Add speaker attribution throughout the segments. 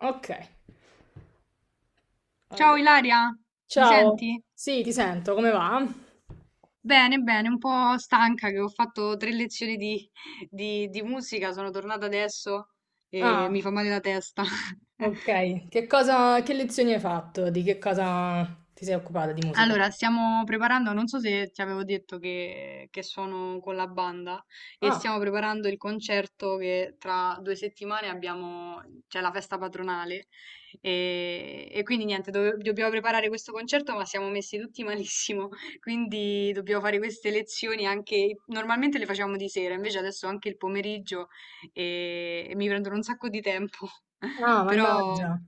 Speaker 1: Ok,
Speaker 2: Ciao
Speaker 1: allora.
Speaker 2: Ilaria, mi
Speaker 1: Ciao,
Speaker 2: senti?
Speaker 1: sì, ti sento, come va?
Speaker 2: Bene, bene, un po' stanca che ho fatto tre lezioni di musica, sono tornata adesso e mi
Speaker 1: Ah,
Speaker 2: fa male la testa.
Speaker 1: ok. Che lezioni hai fatto? Di che cosa ti sei occupata di musica?
Speaker 2: Allora, stiamo preparando, non so se ti avevo detto che sono con la banda e
Speaker 1: Ah,
Speaker 2: stiamo preparando il concerto che tra due settimane abbiamo, c'è la festa patronale e quindi niente, dobbiamo preparare questo concerto, ma siamo messi tutti malissimo. Quindi dobbiamo fare queste lezioni anche, normalmente le facciamo di sera, invece adesso anche il pomeriggio e mi prendono un sacco di tempo,
Speaker 1: ah,
Speaker 2: però
Speaker 1: mannaggia.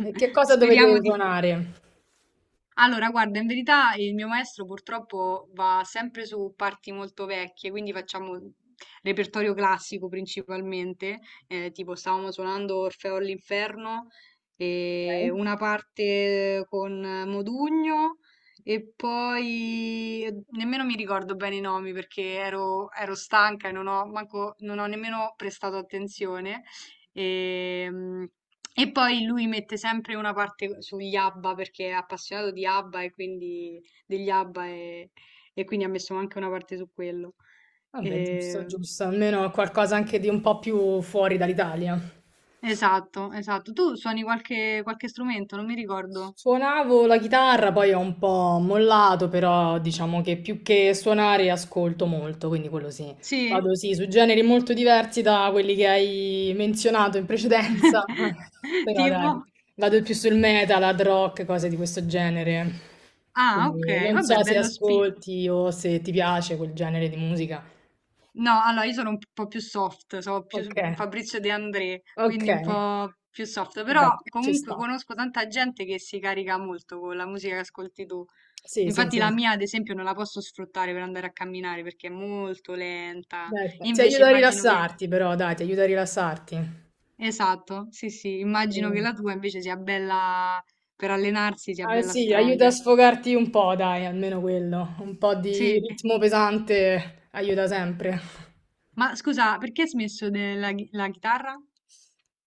Speaker 1: E che cosa dovevi
Speaker 2: speriamo di
Speaker 1: suonare?
Speaker 2: allora. Guarda, in verità il mio maestro purtroppo va sempre su parti molto vecchie, quindi facciamo repertorio classico principalmente, tipo stavamo suonando Orfeo all'inferno, e
Speaker 1: Ok.
Speaker 2: una parte con Modugno, e poi nemmeno mi ricordo bene i nomi perché ero stanca e non ho, non ho nemmeno prestato attenzione. Ehm, e poi lui mette sempre una parte sugli ABBA perché è appassionato di ABBA, e quindi degli ABBA, e quindi ha messo anche una parte su quello.
Speaker 1: Vabbè, giusto,
Speaker 2: Eh,
Speaker 1: giusto, almeno qualcosa anche di un po' più fuori dall'Italia.
Speaker 2: esatto, esatto. Tu suoni qualche strumento, non mi ricordo.
Speaker 1: Suonavo la chitarra, poi ho un po' mollato, però diciamo che più che suonare ascolto molto, quindi quello sì.
Speaker 2: Sì?
Speaker 1: Vado sì, su generi molto diversi da quelli che hai menzionato in precedenza, però
Speaker 2: Tipo?
Speaker 1: dai, vado più sul metal, hard rock, cose di questo genere.
Speaker 2: Ah, ok,
Speaker 1: Quindi non
Speaker 2: vabbè,
Speaker 1: so se
Speaker 2: bello spi.
Speaker 1: ascolti o se ti piace quel genere di musica.
Speaker 2: No, allora io sono un po' più soft, sono più
Speaker 1: Ok,
Speaker 2: Fabrizio De André,
Speaker 1: ok,
Speaker 2: quindi un po' più soft,
Speaker 1: vabbè,
Speaker 2: però
Speaker 1: ci
Speaker 2: comunque
Speaker 1: sta.
Speaker 2: conosco tanta gente che si carica molto con la musica che ascolti tu.
Speaker 1: Sì, sì,
Speaker 2: Infatti
Speaker 1: sì.
Speaker 2: la mia, ad esempio, non la posso sfruttare per andare a camminare perché è molto lenta.
Speaker 1: Dai, ti
Speaker 2: Invece
Speaker 1: aiuta a
Speaker 2: immagino che...
Speaker 1: rilassarti, però dai, ti aiuta a rilassarti.
Speaker 2: Esatto, sì, sì,
Speaker 1: Ah,
Speaker 2: immagino che la tua invece sia bella per allenarsi, sia bella
Speaker 1: sì, aiuta
Speaker 2: strong.
Speaker 1: a sfogarti un po', dai, almeno quello. Un po' di
Speaker 2: Sì,
Speaker 1: ritmo pesante aiuta sempre.
Speaker 2: ma scusa, perché hai smesso della la chitarra?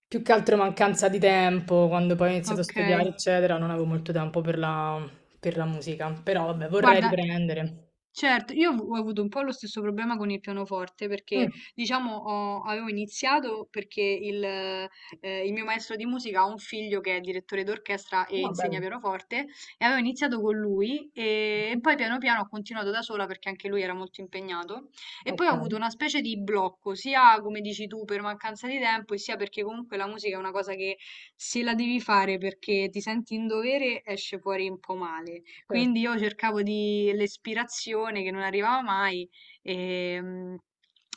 Speaker 1: Più che altro mancanza di tempo, quando poi ho iniziato a
Speaker 2: Ok,
Speaker 1: studiare, eccetera, non avevo molto tempo per per la musica. Però vabbè, vorrei
Speaker 2: guarda.
Speaker 1: riprendere.
Speaker 2: Certo, io ho avuto un po' lo stesso problema con il pianoforte perché,
Speaker 1: Mm.
Speaker 2: diciamo, ho avevo iniziato perché il mio maestro di musica ha un figlio che è direttore d'orchestra e
Speaker 1: No,
Speaker 2: insegna
Speaker 1: bello.
Speaker 2: pianoforte, e avevo iniziato con lui.
Speaker 1: Mhm.
Speaker 2: Poi piano piano ho continuato da sola perché anche lui era molto impegnato, e
Speaker 1: Ok,
Speaker 2: poi ho avuto una specie di blocco, sia come dici tu per mancanza di tempo e sia perché comunque la musica è una cosa che, se la devi fare perché ti senti in dovere, esce fuori un po' male.
Speaker 1: certo.
Speaker 2: Quindi io cercavo di l'ispirazione che non arrivava mai e,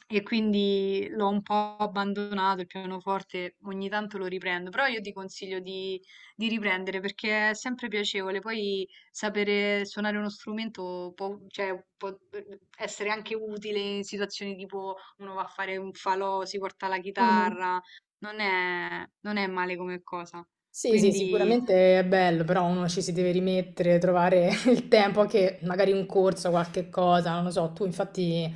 Speaker 2: e quindi l'ho un po' abbandonato il pianoforte, ogni tanto lo riprendo, però io ti consiglio di riprendere perché è sempre piacevole. Poi sapere suonare uno strumento può, cioè, può essere anche utile in situazioni tipo uno va a fare un falò, si porta la
Speaker 1: Mm.
Speaker 2: chitarra, non è male come cosa.
Speaker 1: Sì, sì,
Speaker 2: Quindi
Speaker 1: sicuramente è bello, però uno ci si deve rimettere, trovare il tempo, anche magari un corso, qualche cosa, non lo so. Tu infatti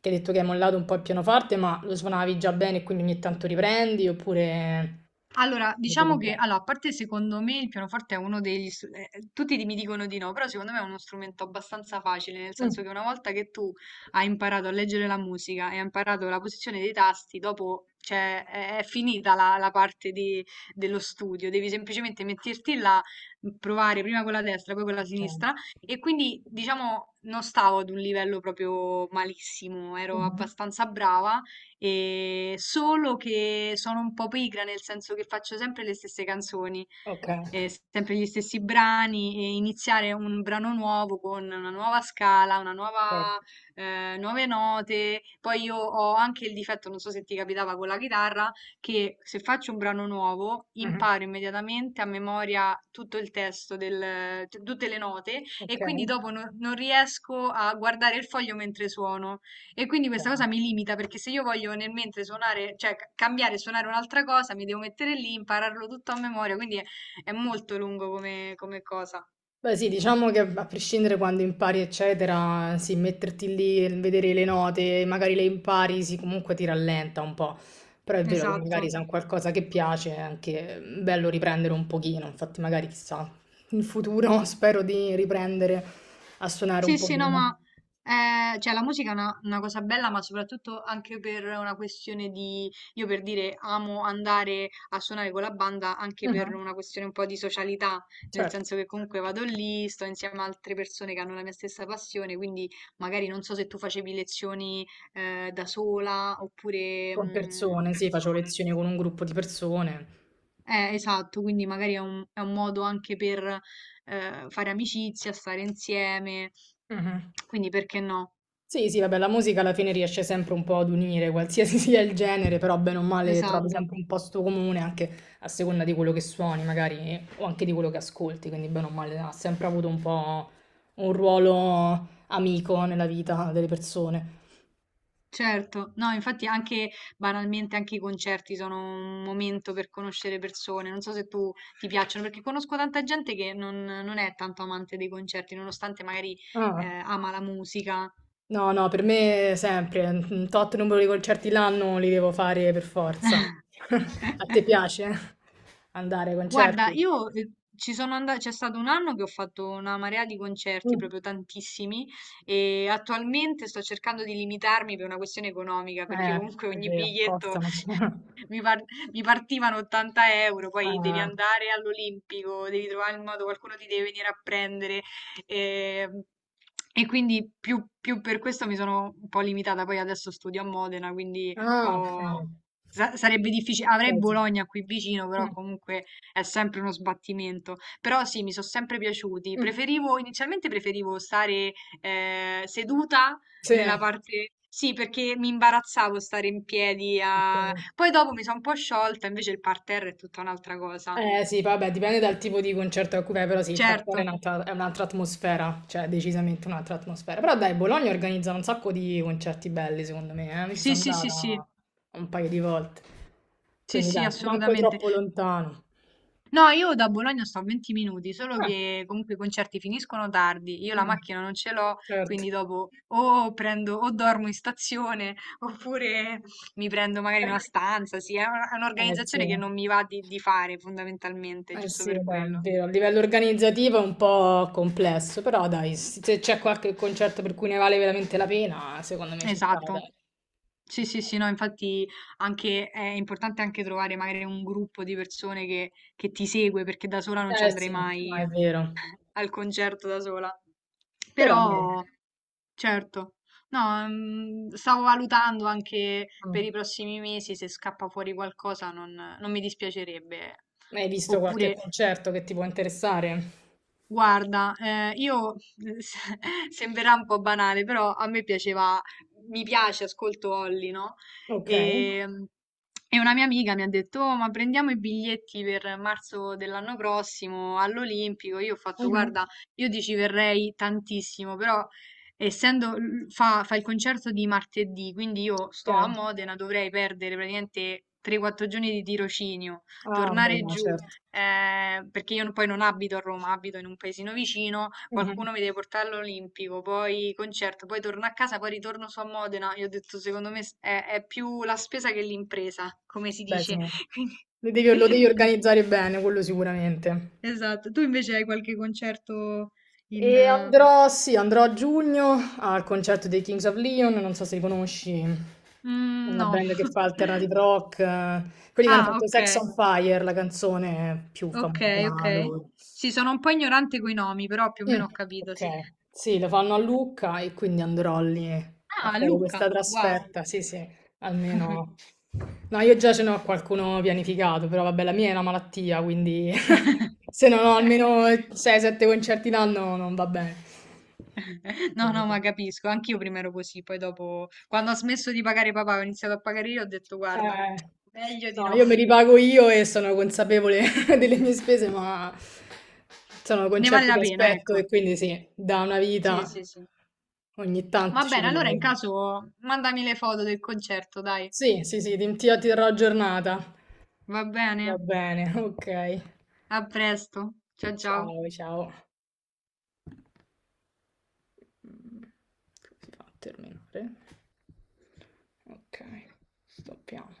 Speaker 1: che hai detto che hai mollato un po' il pianoforte, ma lo suonavi già bene e quindi ogni tanto riprendi, oppure...
Speaker 2: allora,
Speaker 1: Mi dico
Speaker 2: diciamo
Speaker 1: un
Speaker 2: che,
Speaker 1: po'.
Speaker 2: allora, a parte secondo me il pianoforte è uno degli... tutti mi dicono di no, però secondo me è uno strumento abbastanza facile, nel senso
Speaker 1: Mm.
Speaker 2: che una volta che tu hai imparato a leggere la musica e hai imparato la posizione dei tasti, dopo, cioè, è finita la parte dello studio, devi semplicemente metterti là, provare prima con la destra, poi con la
Speaker 1: Ok.
Speaker 2: sinistra, e quindi, diciamo, non stavo ad un livello proprio malissimo, ero
Speaker 1: Mhm.
Speaker 2: abbastanza brava, e solo che sono un po' pigra, nel senso che faccio sempre le stesse canzoni,
Speaker 1: Ok.
Speaker 2: sempre gli stessi brani, e iniziare un brano nuovo con una nuova scala, una
Speaker 1: Ok.
Speaker 2: nuova, nuove note. Poi io ho anche il difetto, non so se ti capitava con la chitarra, che se faccio un brano nuovo
Speaker 1: Mhm.
Speaker 2: imparo immediatamente a memoria tutto il testo, tutte le note e
Speaker 1: Ok.
Speaker 2: quindi dopo non riesco a guardare il foglio mentre suono. E quindi questa
Speaker 1: Ok.
Speaker 2: cosa mi limita perché se io voglio nel mentre suonare, cioè cambiare e suonare un'altra cosa, mi devo mettere lì, impararlo tutto a memoria, quindi è molto lungo come cosa.
Speaker 1: Beh sì, diciamo che a prescindere quando impari eccetera, sì, metterti lì e vedere le note, magari le impari, sì, comunque ti rallenta un po', però è vero che
Speaker 2: Esatto.
Speaker 1: magari se è un qualcosa che piace è anche bello riprendere un pochino, infatti magari chissà, in futuro spero di riprendere a suonare un
Speaker 2: Sì, sì, no,
Speaker 1: pochino.
Speaker 2: ma cioè, la musica è una cosa bella, ma soprattutto anche per una questione di, io per dire, amo andare a suonare con la banda anche per
Speaker 1: Mhm.
Speaker 2: una questione un po' di socialità, nel
Speaker 1: Certo,
Speaker 2: senso che comunque vado lì, sto insieme a altre persone che hanno la mia stessa passione, quindi magari non so se tu facevi lezioni da sola oppure...
Speaker 1: con persone, sì, facevo lezioni con un gruppo di persone.
Speaker 2: esatto, quindi magari è è un modo anche per fare amicizia, stare insieme,
Speaker 1: Mhm.
Speaker 2: quindi perché no?
Speaker 1: Sì, sì, vabbè, la musica alla fine riesce sempre un po' ad unire qualsiasi sia il genere, però bene o male trovi Mhm.
Speaker 2: Esatto,
Speaker 1: sempre un posto comune anche a seconda di quello che suoni, magari, o anche di quello che ascolti, quindi bene o male ha sempre avuto un po' un ruolo amico nella vita delle persone.
Speaker 2: certo. No, infatti anche banalmente anche i concerti sono un momento per conoscere persone. Non so se tu ti piacciono, perché conosco tanta gente che non è tanto amante dei concerti, nonostante magari
Speaker 1: Ah,
Speaker 2: ama la musica.
Speaker 1: no, no, per me sempre, un tot numero di concerti l'anno li devo fare per forza. A te piace andare ai
Speaker 2: Guarda,
Speaker 1: concerti?
Speaker 2: io ci sono andata, c'è stato un anno che ho fatto una marea di concerti,
Speaker 1: Mm.
Speaker 2: proprio tantissimi, e attualmente sto cercando di limitarmi per una questione economica, perché comunque
Speaker 1: È
Speaker 2: ogni
Speaker 1: vero,
Speaker 2: biglietto
Speaker 1: costano.
Speaker 2: Mi, par- mi partivano 80€, poi devi
Speaker 1: Eh,
Speaker 2: andare all'Olimpico, devi trovare il modo, qualcuno ti deve venire a prendere. ehm, E quindi più per questo mi sono un po' limitata. Poi adesso studio a Modena, quindi
Speaker 1: ah,
Speaker 2: ho-
Speaker 1: okay.
Speaker 2: sarebbe difficile. Avrei
Speaker 1: Beh, sì.
Speaker 2: Bologna qui vicino, però
Speaker 1: Mh.
Speaker 2: comunque è sempre uno sbattimento. Però sì, mi sono sempre piaciuti.
Speaker 1: Mh.
Speaker 2: Preferivo, inizialmente preferivo stare seduta
Speaker 1: Sì.
Speaker 2: nella parte... Sì, perché mi imbarazzavo stare in piedi a
Speaker 1: Okay.
Speaker 2: poi dopo mi sono un po' sciolta, invece il parterre è tutta un'altra cosa.
Speaker 1: Sì, vabbè, dipende dal tipo di concerto a cui vai, però sì, il
Speaker 2: Certo,
Speaker 1: parterre è un'altra atmosfera, cioè decisamente un'altra atmosfera. Però dai, Bologna organizza un sacco di concerti belli, secondo me, eh. Io ci
Speaker 2: sì,
Speaker 1: sono
Speaker 2: sì, sì, sì,
Speaker 1: andata un paio di volte,
Speaker 2: sì,
Speaker 1: quindi
Speaker 2: sì,
Speaker 1: dai, manco
Speaker 2: assolutamente.
Speaker 1: troppo lontano.
Speaker 2: No, io da Bologna sto a 20 minuti, solo
Speaker 1: Eh,
Speaker 2: che comunque i concerti finiscono tardi, io la
Speaker 1: mh.
Speaker 2: macchina non ce l'ho,
Speaker 1: Certo.
Speaker 2: quindi dopo o prendo o dormo in stazione oppure mi prendo magari una stanza. Sì, è è
Speaker 1: Sì.
Speaker 2: un'organizzazione che non mi va di fare fondamentalmente,
Speaker 1: Eh
Speaker 2: giusto
Speaker 1: sì,
Speaker 2: per
Speaker 1: vabbè, è
Speaker 2: quello.
Speaker 1: vero, a livello organizzativo è un po' complesso, però dai, se c'è qualche concerto per cui ne vale veramente la pena, secondo me ci sta,
Speaker 2: Esatto.
Speaker 1: dai. Ci
Speaker 2: Sì, sì,
Speaker 1: sta.
Speaker 2: sì, no, infatti anche è importante anche trovare magari un gruppo di persone che ti segue, perché da sola non ci
Speaker 1: Eh
Speaker 2: andrei
Speaker 1: sì, no,
Speaker 2: mai
Speaker 1: è vero.
Speaker 2: al concerto da sola.
Speaker 1: Però dai,
Speaker 2: Però, certo, no, stavo valutando anche
Speaker 1: mm,
Speaker 2: per i prossimi mesi se scappa fuori qualcosa non mi dispiacerebbe.
Speaker 1: hai visto qualche
Speaker 2: Oppure
Speaker 1: concerto che ti può interessare?
Speaker 2: guarda, io se- sembrerà un po' banale, però mi piace, ascolto Holly, no?
Speaker 1: Ok.
Speaker 2: E, e una mia amica mi ha detto: "Oh, ma prendiamo i biglietti per marzo dell'anno prossimo all'Olimpico". Io ho fatto,
Speaker 1: Mhm.
Speaker 2: guarda, io ti ci verrei tantissimo, però fa il concerto di martedì, quindi io sto a
Speaker 1: Ok.
Speaker 2: Modena, dovrei perdere praticamente 3-4 giorni di tirocinio,
Speaker 1: Ah, beh,
Speaker 2: tornare
Speaker 1: no,
Speaker 2: giù,
Speaker 1: certo.
Speaker 2: perché io poi non abito a Roma, abito in un paesino vicino,
Speaker 1: Mhm.
Speaker 2: qualcuno mi deve portare all'Olimpico, poi concerto, poi torno a casa, poi ritorno su a Modena. Io ho detto, secondo me è più la spesa che l'impresa, come si
Speaker 1: Beh, sì.
Speaker 2: dice. Quindi,
Speaker 1: Lo devi
Speaker 2: qui-
Speaker 1: organizzare bene, quello sicuramente.
Speaker 2: esatto. Tu invece hai qualche concerto in...
Speaker 1: E andrò, sì, andrò a giugno al concerto dei Kings of Leon, non so se li conosci, è una
Speaker 2: no.
Speaker 1: band che fa alternative rock, quelli che hanno
Speaker 2: Ah,
Speaker 1: fatto
Speaker 2: ok,
Speaker 1: Sex on Fire, la canzone più
Speaker 2: ok,
Speaker 1: famosa
Speaker 2: ok.
Speaker 1: loro.
Speaker 2: Sì, sono un po' ignorante coi nomi, però più o
Speaker 1: Mm,
Speaker 2: meno ho capito,
Speaker 1: ok,
Speaker 2: sì.
Speaker 1: sì, lo fanno a Lucca e quindi andrò lì a
Speaker 2: Ah,
Speaker 1: fare questa
Speaker 2: Luca, wow.
Speaker 1: trasferta, sì, sì, almeno... No, io già ce n'ho qualcuno pianificato, però vabbè, la mia è una malattia, quindi se non ho almeno 6-7 concerti l'anno non va bene.
Speaker 2: No,
Speaker 1: Quindi
Speaker 2: no,
Speaker 1: sì.
Speaker 2: ma capisco, anch'io prima ero così, poi dopo, quando ho smesso di pagare papà, ho iniziato a pagare io, ho detto, guarda,
Speaker 1: Eh,
Speaker 2: meglio di
Speaker 1: no,
Speaker 2: no,
Speaker 1: io me li pago io e sono consapevole delle mie spese, ma sono
Speaker 2: ne vale
Speaker 1: concerti
Speaker 2: la
Speaker 1: che
Speaker 2: pena,
Speaker 1: aspetto e
Speaker 2: ecco.
Speaker 1: quindi sì, da una
Speaker 2: Sì,
Speaker 1: vita
Speaker 2: sì, sì.
Speaker 1: ogni
Speaker 2: Va
Speaker 1: tanto ci
Speaker 2: bene, allora in
Speaker 1: provo.
Speaker 2: caso mandami le foto del concerto, dai.
Speaker 1: Sì, sì, sì, ti terrò giornata.
Speaker 2: Va bene,
Speaker 1: Va bene, ok.
Speaker 2: a presto. Ciao,
Speaker 1: Ciao,
Speaker 2: ciao.
Speaker 1: ciao. Come si fa a terminare? Ok, stoppiamo.